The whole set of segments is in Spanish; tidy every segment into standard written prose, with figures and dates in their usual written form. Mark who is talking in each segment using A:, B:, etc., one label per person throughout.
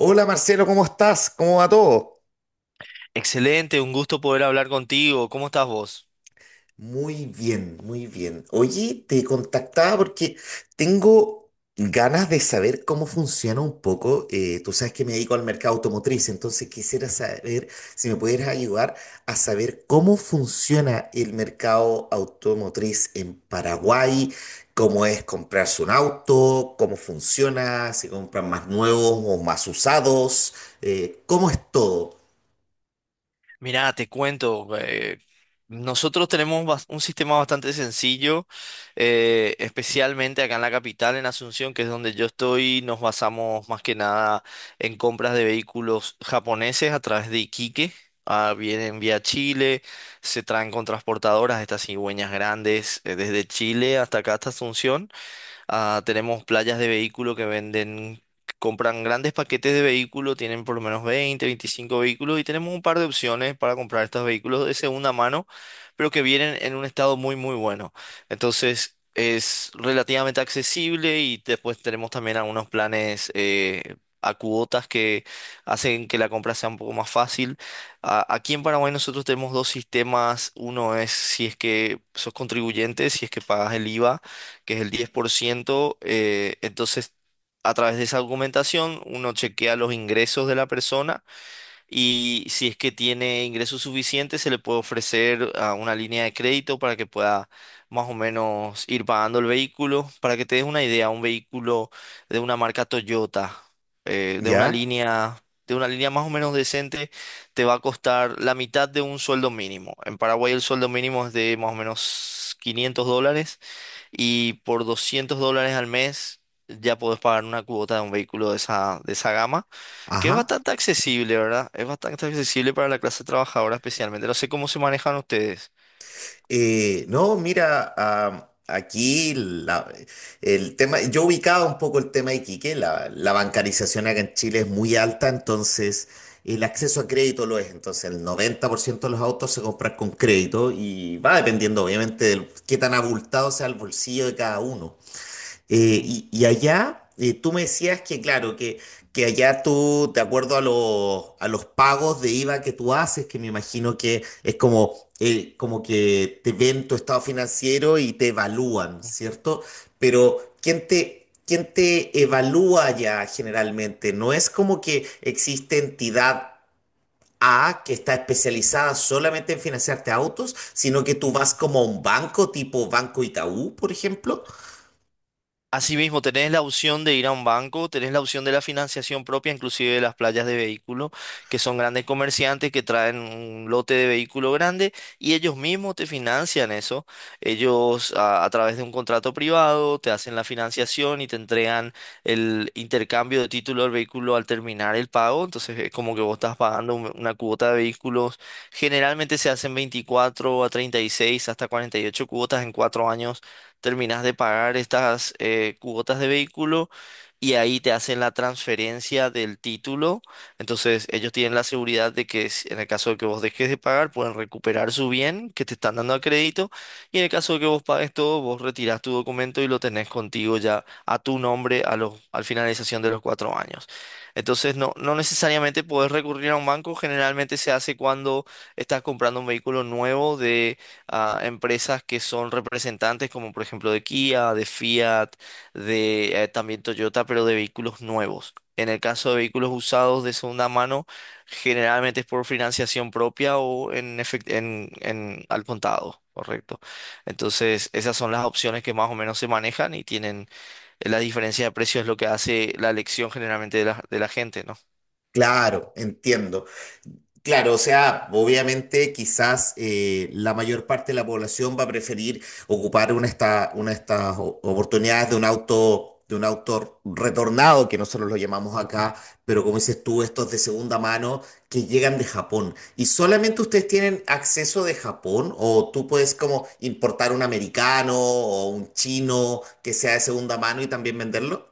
A: Hola Marcelo, ¿cómo estás? ¿Cómo va todo?
B: Excelente, un gusto poder hablar contigo. ¿Cómo estás vos?
A: Muy bien, muy bien. Oye, te contactaba porque tengo ganas de saber cómo funciona un poco. Tú sabes que me dedico al mercado automotriz, entonces quisiera saber si me pudieras ayudar a saber cómo funciona el mercado automotriz en Paraguay, cómo es comprarse un auto, cómo funciona, si compran más nuevos o más usados, cómo es todo.
B: Mirá, te cuento. Nosotros tenemos un sistema bastante sencillo, especialmente acá en la capital, en Asunción, que es donde yo estoy. Nos basamos más que nada en compras de vehículos japoneses a través de Iquique. Ah, vienen vía Chile, se traen con transportadoras, estas cigüeñas grandes, desde Chile hasta acá, hasta Asunción. Ah, tenemos playas de vehículo que venden, compran grandes paquetes de vehículo, tienen por lo menos 20 a 25 vehículos y tenemos un par de opciones para comprar estos vehículos de segunda mano, pero que vienen en un estado muy, muy bueno. Entonces es relativamente accesible y después tenemos también algunos planes a cuotas que hacen que la compra sea un poco más fácil. Aquí en Paraguay nosotros tenemos dos sistemas. Uno es si es que sos contribuyente, si es que pagas el IVA, que es el 10%. Entonces, a través de esa argumentación, uno chequea los ingresos de la persona, y si es que tiene ingresos suficientes se le puede ofrecer una línea de crédito para que pueda más o menos ir pagando el vehículo. Para que te des una idea, un vehículo de una marca Toyota, eh, de una
A: ¿Ya?
B: línea... De una línea más o menos decente, te va a costar la mitad de un sueldo mínimo. En Paraguay el sueldo mínimo es de más o menos $500, y por $200 al mes ya podés pagar una cuota de un vehículo de esa gama, que es
A: Ajá.
B: bastante accesible, ¿verdad? Es bastante accesible para la clase trabajadora especialmente. No sé cómo se manejan ustedes.
A: No, mira, ah, aquí el tema, yo ubicaba un poco el tema de Iquique, la bancarización acá en Chile es muy alta, entonces el acceso a crédito lo es, entonces el 90% de los autos se compran con crédito y va dependiendo obviamente de qué tan abultado sea el bolsillo de cada uno. Eh,
B: Ujú,
A: y, y allá, tú me decías que, claro, que allá tú, de acuerdo a los, pagos de IVA que tú haces, que me imagino que es como, como que te ven tu estado financiero y te evalúan, ¿cierto? Pero, ¿quién te evalúa allá generalmente? No es como que existe entidad A que está especializada solamente en financiarte autos, sino que tú
B: ujú.
A: vas como a un banco tipo Banco Itaú, por ejemplo.
B: Asimismo, tenés la opción de ir a un banco, tenés la opción de la financiación propia, inclusive de las playas de vehículos, que son grandes comerciantes que traen un lote de vehículo grande y ellos mismos te financian eso. Ellos a través de un contrato privado te hacen la financiación y te entregan el intercambio de título del vehículo al terminar el pago. Entonces es como que vos estás pagando una cuota de vehículos. Generalmente se hacen 24 a 36 hasta 48 cuotas. En cuatro años terminas de pagar estas cuotas de vehículo y ahí te hacen la transferencia del título. Entonces ellos tienen la seguridad de que en el caso de que vos dejes de pagar, pueden recuperar su bien que te están dando a crédito, y en el caso de que vos pagues todo, vos retirás tu documento y lo tenés contigo ya a tu nombre a los, al finalización de los cuatro años. Entonces no, no necesariamente podés recurrir a un banco, generalmente se hace cuando estás comprando un vehículo nuevo a empresas que son representantes, como por ejemplo de Kia, de Fiat, de también Toyota, pero de vehículos nuevos. En el caso de vehículos usados de segunda mano, generalmente es por financiación propia o en, en al contado, correcto. Entonces, esas son las opciones que más o menos se manejan y tienen la diferencia de precios es lo que hace la elección generalmente de la gente, ¿no?
A: Claro, entiendo. Claro, o sea, obviamente quizás la mayor parte de la población va a preferir ocupar una de estas oportunidades de un auto retornado, que nosotros lo llamamos acá, pero como dices tú, estos de segunda mano que llegan de Japón. ¿Y solamente ustedes tienen acceso de Japón o tú puedes como importar un americano o un chino que sea de segunda mano y también venderlo?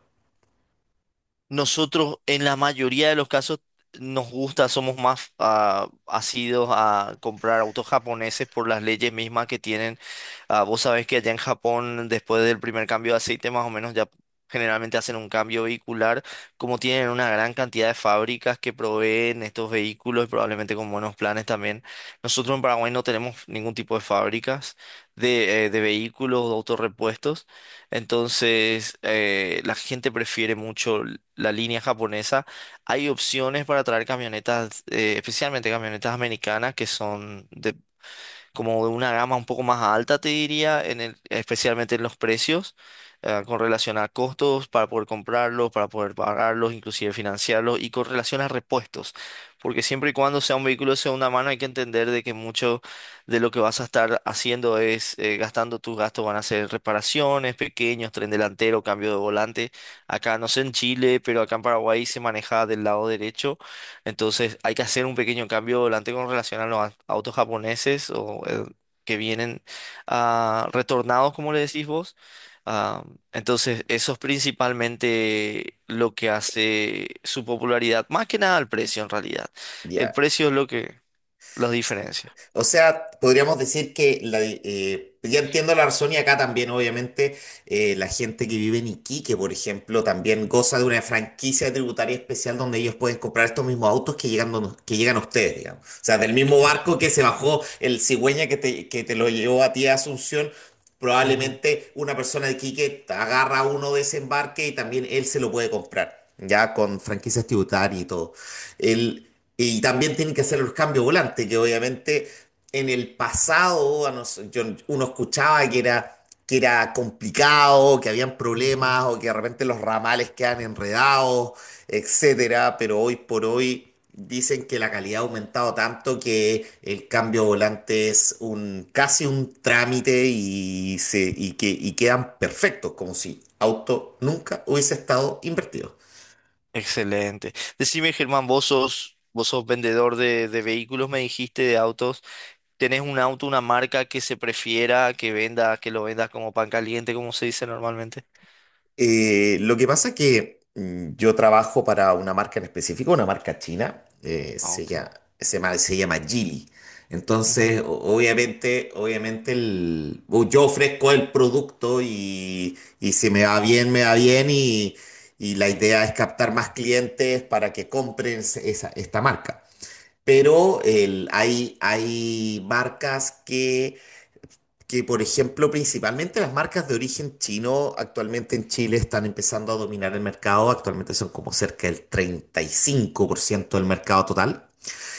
B: Nosotros en la mayoría de los casos nos gusta, somos más asidos a comprar autos japoneses por las leyes mismas que tienen. Ah, vos sabés que allá en Japón, después del primer cambio de aceite, más o menos ya generalmente hacen un cambio vehicular, como tienen una gran cantidad de fábricas que proveen estos vehículos y probablemente con buenos planes también. Nosotros en Paraguay no tenemos ningún tipo de fábricas de vehículos o autorrepuestos, entonces la gente prefiere mucho la línea japonesa. Hay opciones para traer camionetas, especialmente camionetas americanas que son de como de una gama un poco más alta, te diría, en especialmente en los precios, con relación a costos para poder comprarlos, para poder pagarlos, inclusive financiarlos, y con relación a repuestos. Porque siempre y cuando sea un vehículo de segunda mano, hay que entender de que mucho de lo que vas a estar haciendo es gastando tus gastos, van a ser reparaciones, pequeños, tren delantero, cambio de volante. Acá, no sé en Chile, pero acá en Paraguay se maneja del lado derecho, entonces hay que hacer un pequeño cambio volante con relación a los autos japoneses o que vienen retornados, como le decís vos. Ah, entonces eso es principalmente lo que hace su popularidad, más que nada el precio en realidad. El
A: Ya.
B: precio es lo que los diferencia.
A: O sea, podríamos decir que ya entiendo la razón y acá también, obviamente, la gente que vive en Iquique, por ejemplo, también goza de una franquicia tributaria especial donde ellos pueden comprar estos mismos autos que llegan, que llegan a ustedes, digamos. O sea, del mismo barco que se bajó el cigüeña que te lo llevó a ti a Asunción.
B: Ujú,
A: Probablemente una persona de Iquique agarra uno de ese embarque y también él se lo puede comprar, ya con franquicias tributarias y todo. El, y también tienen que hacer los cambios volantes, que obviamente en el pasado uno escuchaba que era, complicado, que habían
B: ujú.
A: problemas o que de repente los ramales quedan enredados, etcétera, pero hoy por hoy dicen que la calidad ha aumentado tanto que el cambio volante es casi un trámite y quedan perfectos, como si auto nunca hubiese estado invertido.
B: Excelente. Decime, Germán, vos sos vendedor de vehículos, me dijiste, de autos. ¿Tenés un auto, una marca que se prefiera que venda, que lo vendas como pan caliente, como se dice normalmente?
A: Lo que pasa es que yo trabajo para una marca en específico, una marca china,
B: Ah,
A: se
B: ok.
A: llama, se llama, se llama Geely.
B: Ujú.
A: Entonces, obviamente o yo ofrezco el producto y, si me va bien, me va bien y la idea es captar más clientes para que compren esa, esta marca. Pero hay marcas que, por ejemplo, principalmente las marcas de origen chino actualmente en Chile están empezando a dominar el mercado. Actualmente son como cerca del 35% del mercado total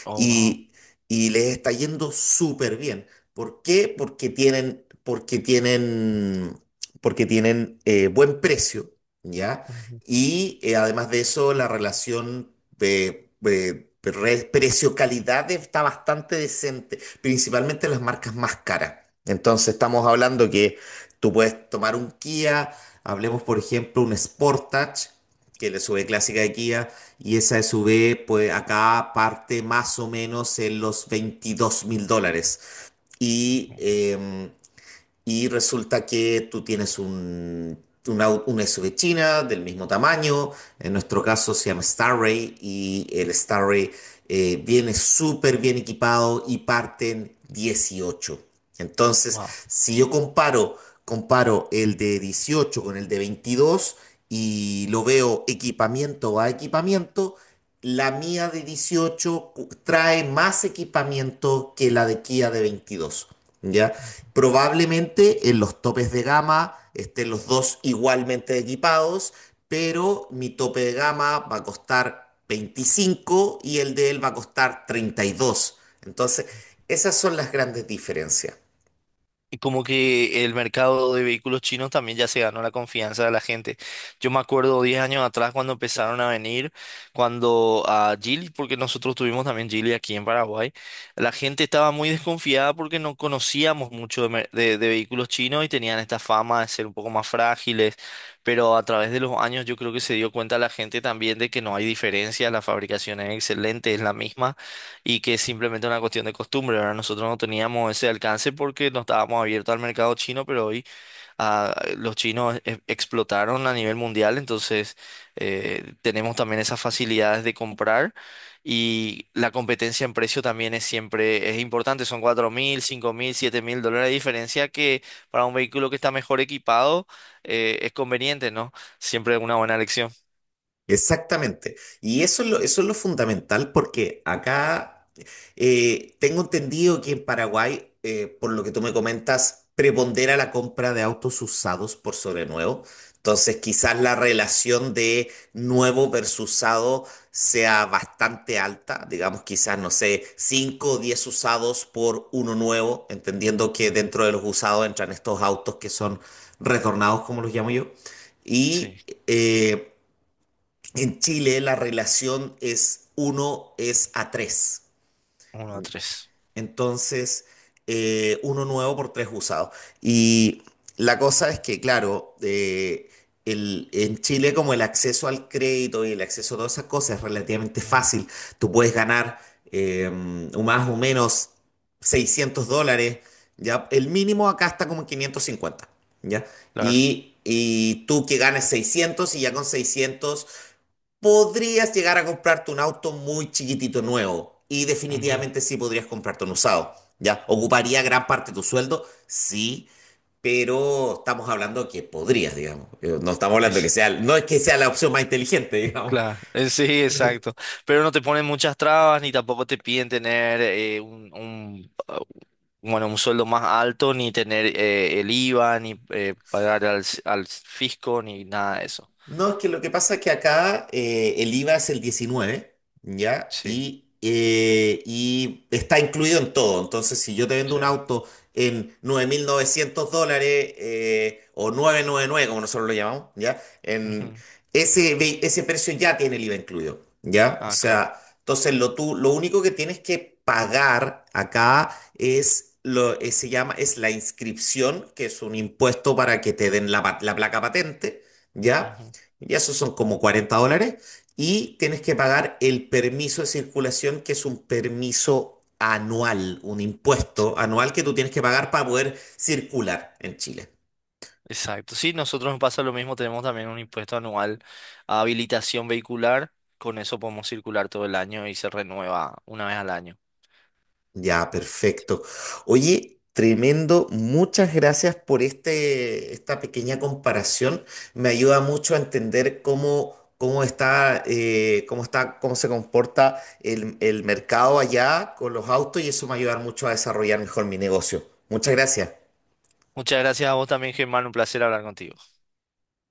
B: Oh, wow.
A: y, y les está yendo súper bien. ¿Por qué? Porque tienen buen precio, ¿ya?
B: Ujú,
A: Y además de eso, la relación de precio-calidad está bastante decente, principalmente las marcas más caras. Entonces estamos hablando que tú puedes tomar un Kia, hablemos por ejemplo un Sportage, que es la SUV clásica de Kia, y esa SUV, pues acá parte más o menos en los $22.000. Y
B: ujú.
A: eh, y resulta que tú tienes un, una SUV china del mismo tamaño, en nuestro caso se llama Starray y el Starray viene súper bien equipado y parten 18. Entonces,
B: Wow.
A: si yo comparo el de 18 con el de 22 y lo veo equipamiento a equipamiento, la mía de 18 trae más equipamiento que la de Kia de 22. ¿Ya? Probablemente en los topes de gama estén los dos igualmente equipados, pero mi tope de gama va a costar 25 y el de él va a costar 32. Entonces, esas son las grandes diferencias.
B: Como que el mercado de vehículos chinos también ya se ganó la confianza de la gente. Yo me acuerdo 10 años atrás cuando empezaron a venir, cuando a Geely, porque nosotros tuvimos también Geely aquí en Paraguay, la gente estaba muy desconfiada porque no conocíamos mucho de, de vehículos chinos, y tenían esta fama de ser un poco más frágiles, pero a través de los años yo creo que se dio cuenta la gente también de que no hay diferencia, la fabricación es excelente, es la misma, y que es simplemente una cuestión de costumbre. Ahora nosotros no teníamos ese alcance porque no estábamos abiertos al mercado chino, pero hoy los chinos explotaron a nivel mundial, entonces tenemos también esas facilidades de comprar, y la competencia en precio también es siempre es importante. Son 4.000, 5.000, 7.000 dólares de diferencia que para un vehículo que está mejor equipado es conveniente, ¿no? Siempre una buena elección.
A: Exactamente. Y eso es lo fundamental porque acá tengo entendido que en Paraguay, por lo que tú me comentas, prepondera la compra de autos usados por sobre nuevo. Entonces, quizás la relación de nuevo versus usado sea bastante alta. Digamos, quizás, no sé, 5 o 10 usados por uno nuevo, entendiendo que
B: Ujú,
A: dentro de los usados entran estos autos que son retornados, como los llamo yo.
B: sí,
A: Y en Chile la relación es 1 a 3.
B: uno a tres,
A: Entonces, uno nuevo por tres usados. Y la cosa es que, claro, en Chile como el acceso al crédito y el acceso a todas esas cosas es relativamente
B: ujú.
A: fácil. Tú puedes ganar eh, o más o menos $600. ¿Ya? El mínimo acá está como en 550. ¿Ya?
B: Claro.
A: Y tú que ganes 600 y ya con 600 podrías llegar a comprarte un auto muy chiquitito nuevo y
B: Ujú.
A: definitivamente sí podrías comprarte un usado, ¿ya? Ocuparía gran parte de tu sueldo, sí, pero estamos hablando que podrías, digamos. No estamos hablando que
B: Eso.
A: sea, no es que sea la opción más inteligente, digamos.
B: Claro, sí, exacto. Pero no te ponen muchas trabas ni tampoco te piden tener un sueldo más alto, ni tener el IVA, ni pagar al, al fisco, ni nada de eso.
A: No, es que lo que pasa es que acá el IVA es el 19. ¿Ya?
B: Sí.
A: Y está incluido en todo. Entonces, si yo te vendo
B: Sí.
A: un auto en $9.900 o 999 como nosotros lo llamamos, ¿ya? En
B: Ujú.
A: ese precio ya tiene el IVA incluido, ¿ya? O
B: Ah, claro.
A: sea, entonces lo único que tienes que pagar acá es... Lo, se llama, es la inscripción, que es un impuesto para que te den la placa patente, ¿ya?
B: Ujú.
A: Y esos son como $40. Y tienes que pagar el permiso de circulación, que es un permiso anual, un
B: Sí.
A: impuesto anual que tú tienes que pagar para poder circular en Chile.
B: Exacto. Sí, nosotros nos pasa lo mismo, tenemos también un impuesto anual a habilitación vehicular, con eso podemos circular todo el año y se renueva una vez al año.
A: Ya, perfecto. Oye, tremendo. Muchas gracias por este, esta pequeña comparación. Me ayuda mucho a entender cómo está, cómo se comporta el mercado allá con los autos y eso me va a ayudar mucho a desarrollar mejor mi negocio. Muchas gracias.
B: Muchas gracias a vos también, Germán, un placer hablar contigo.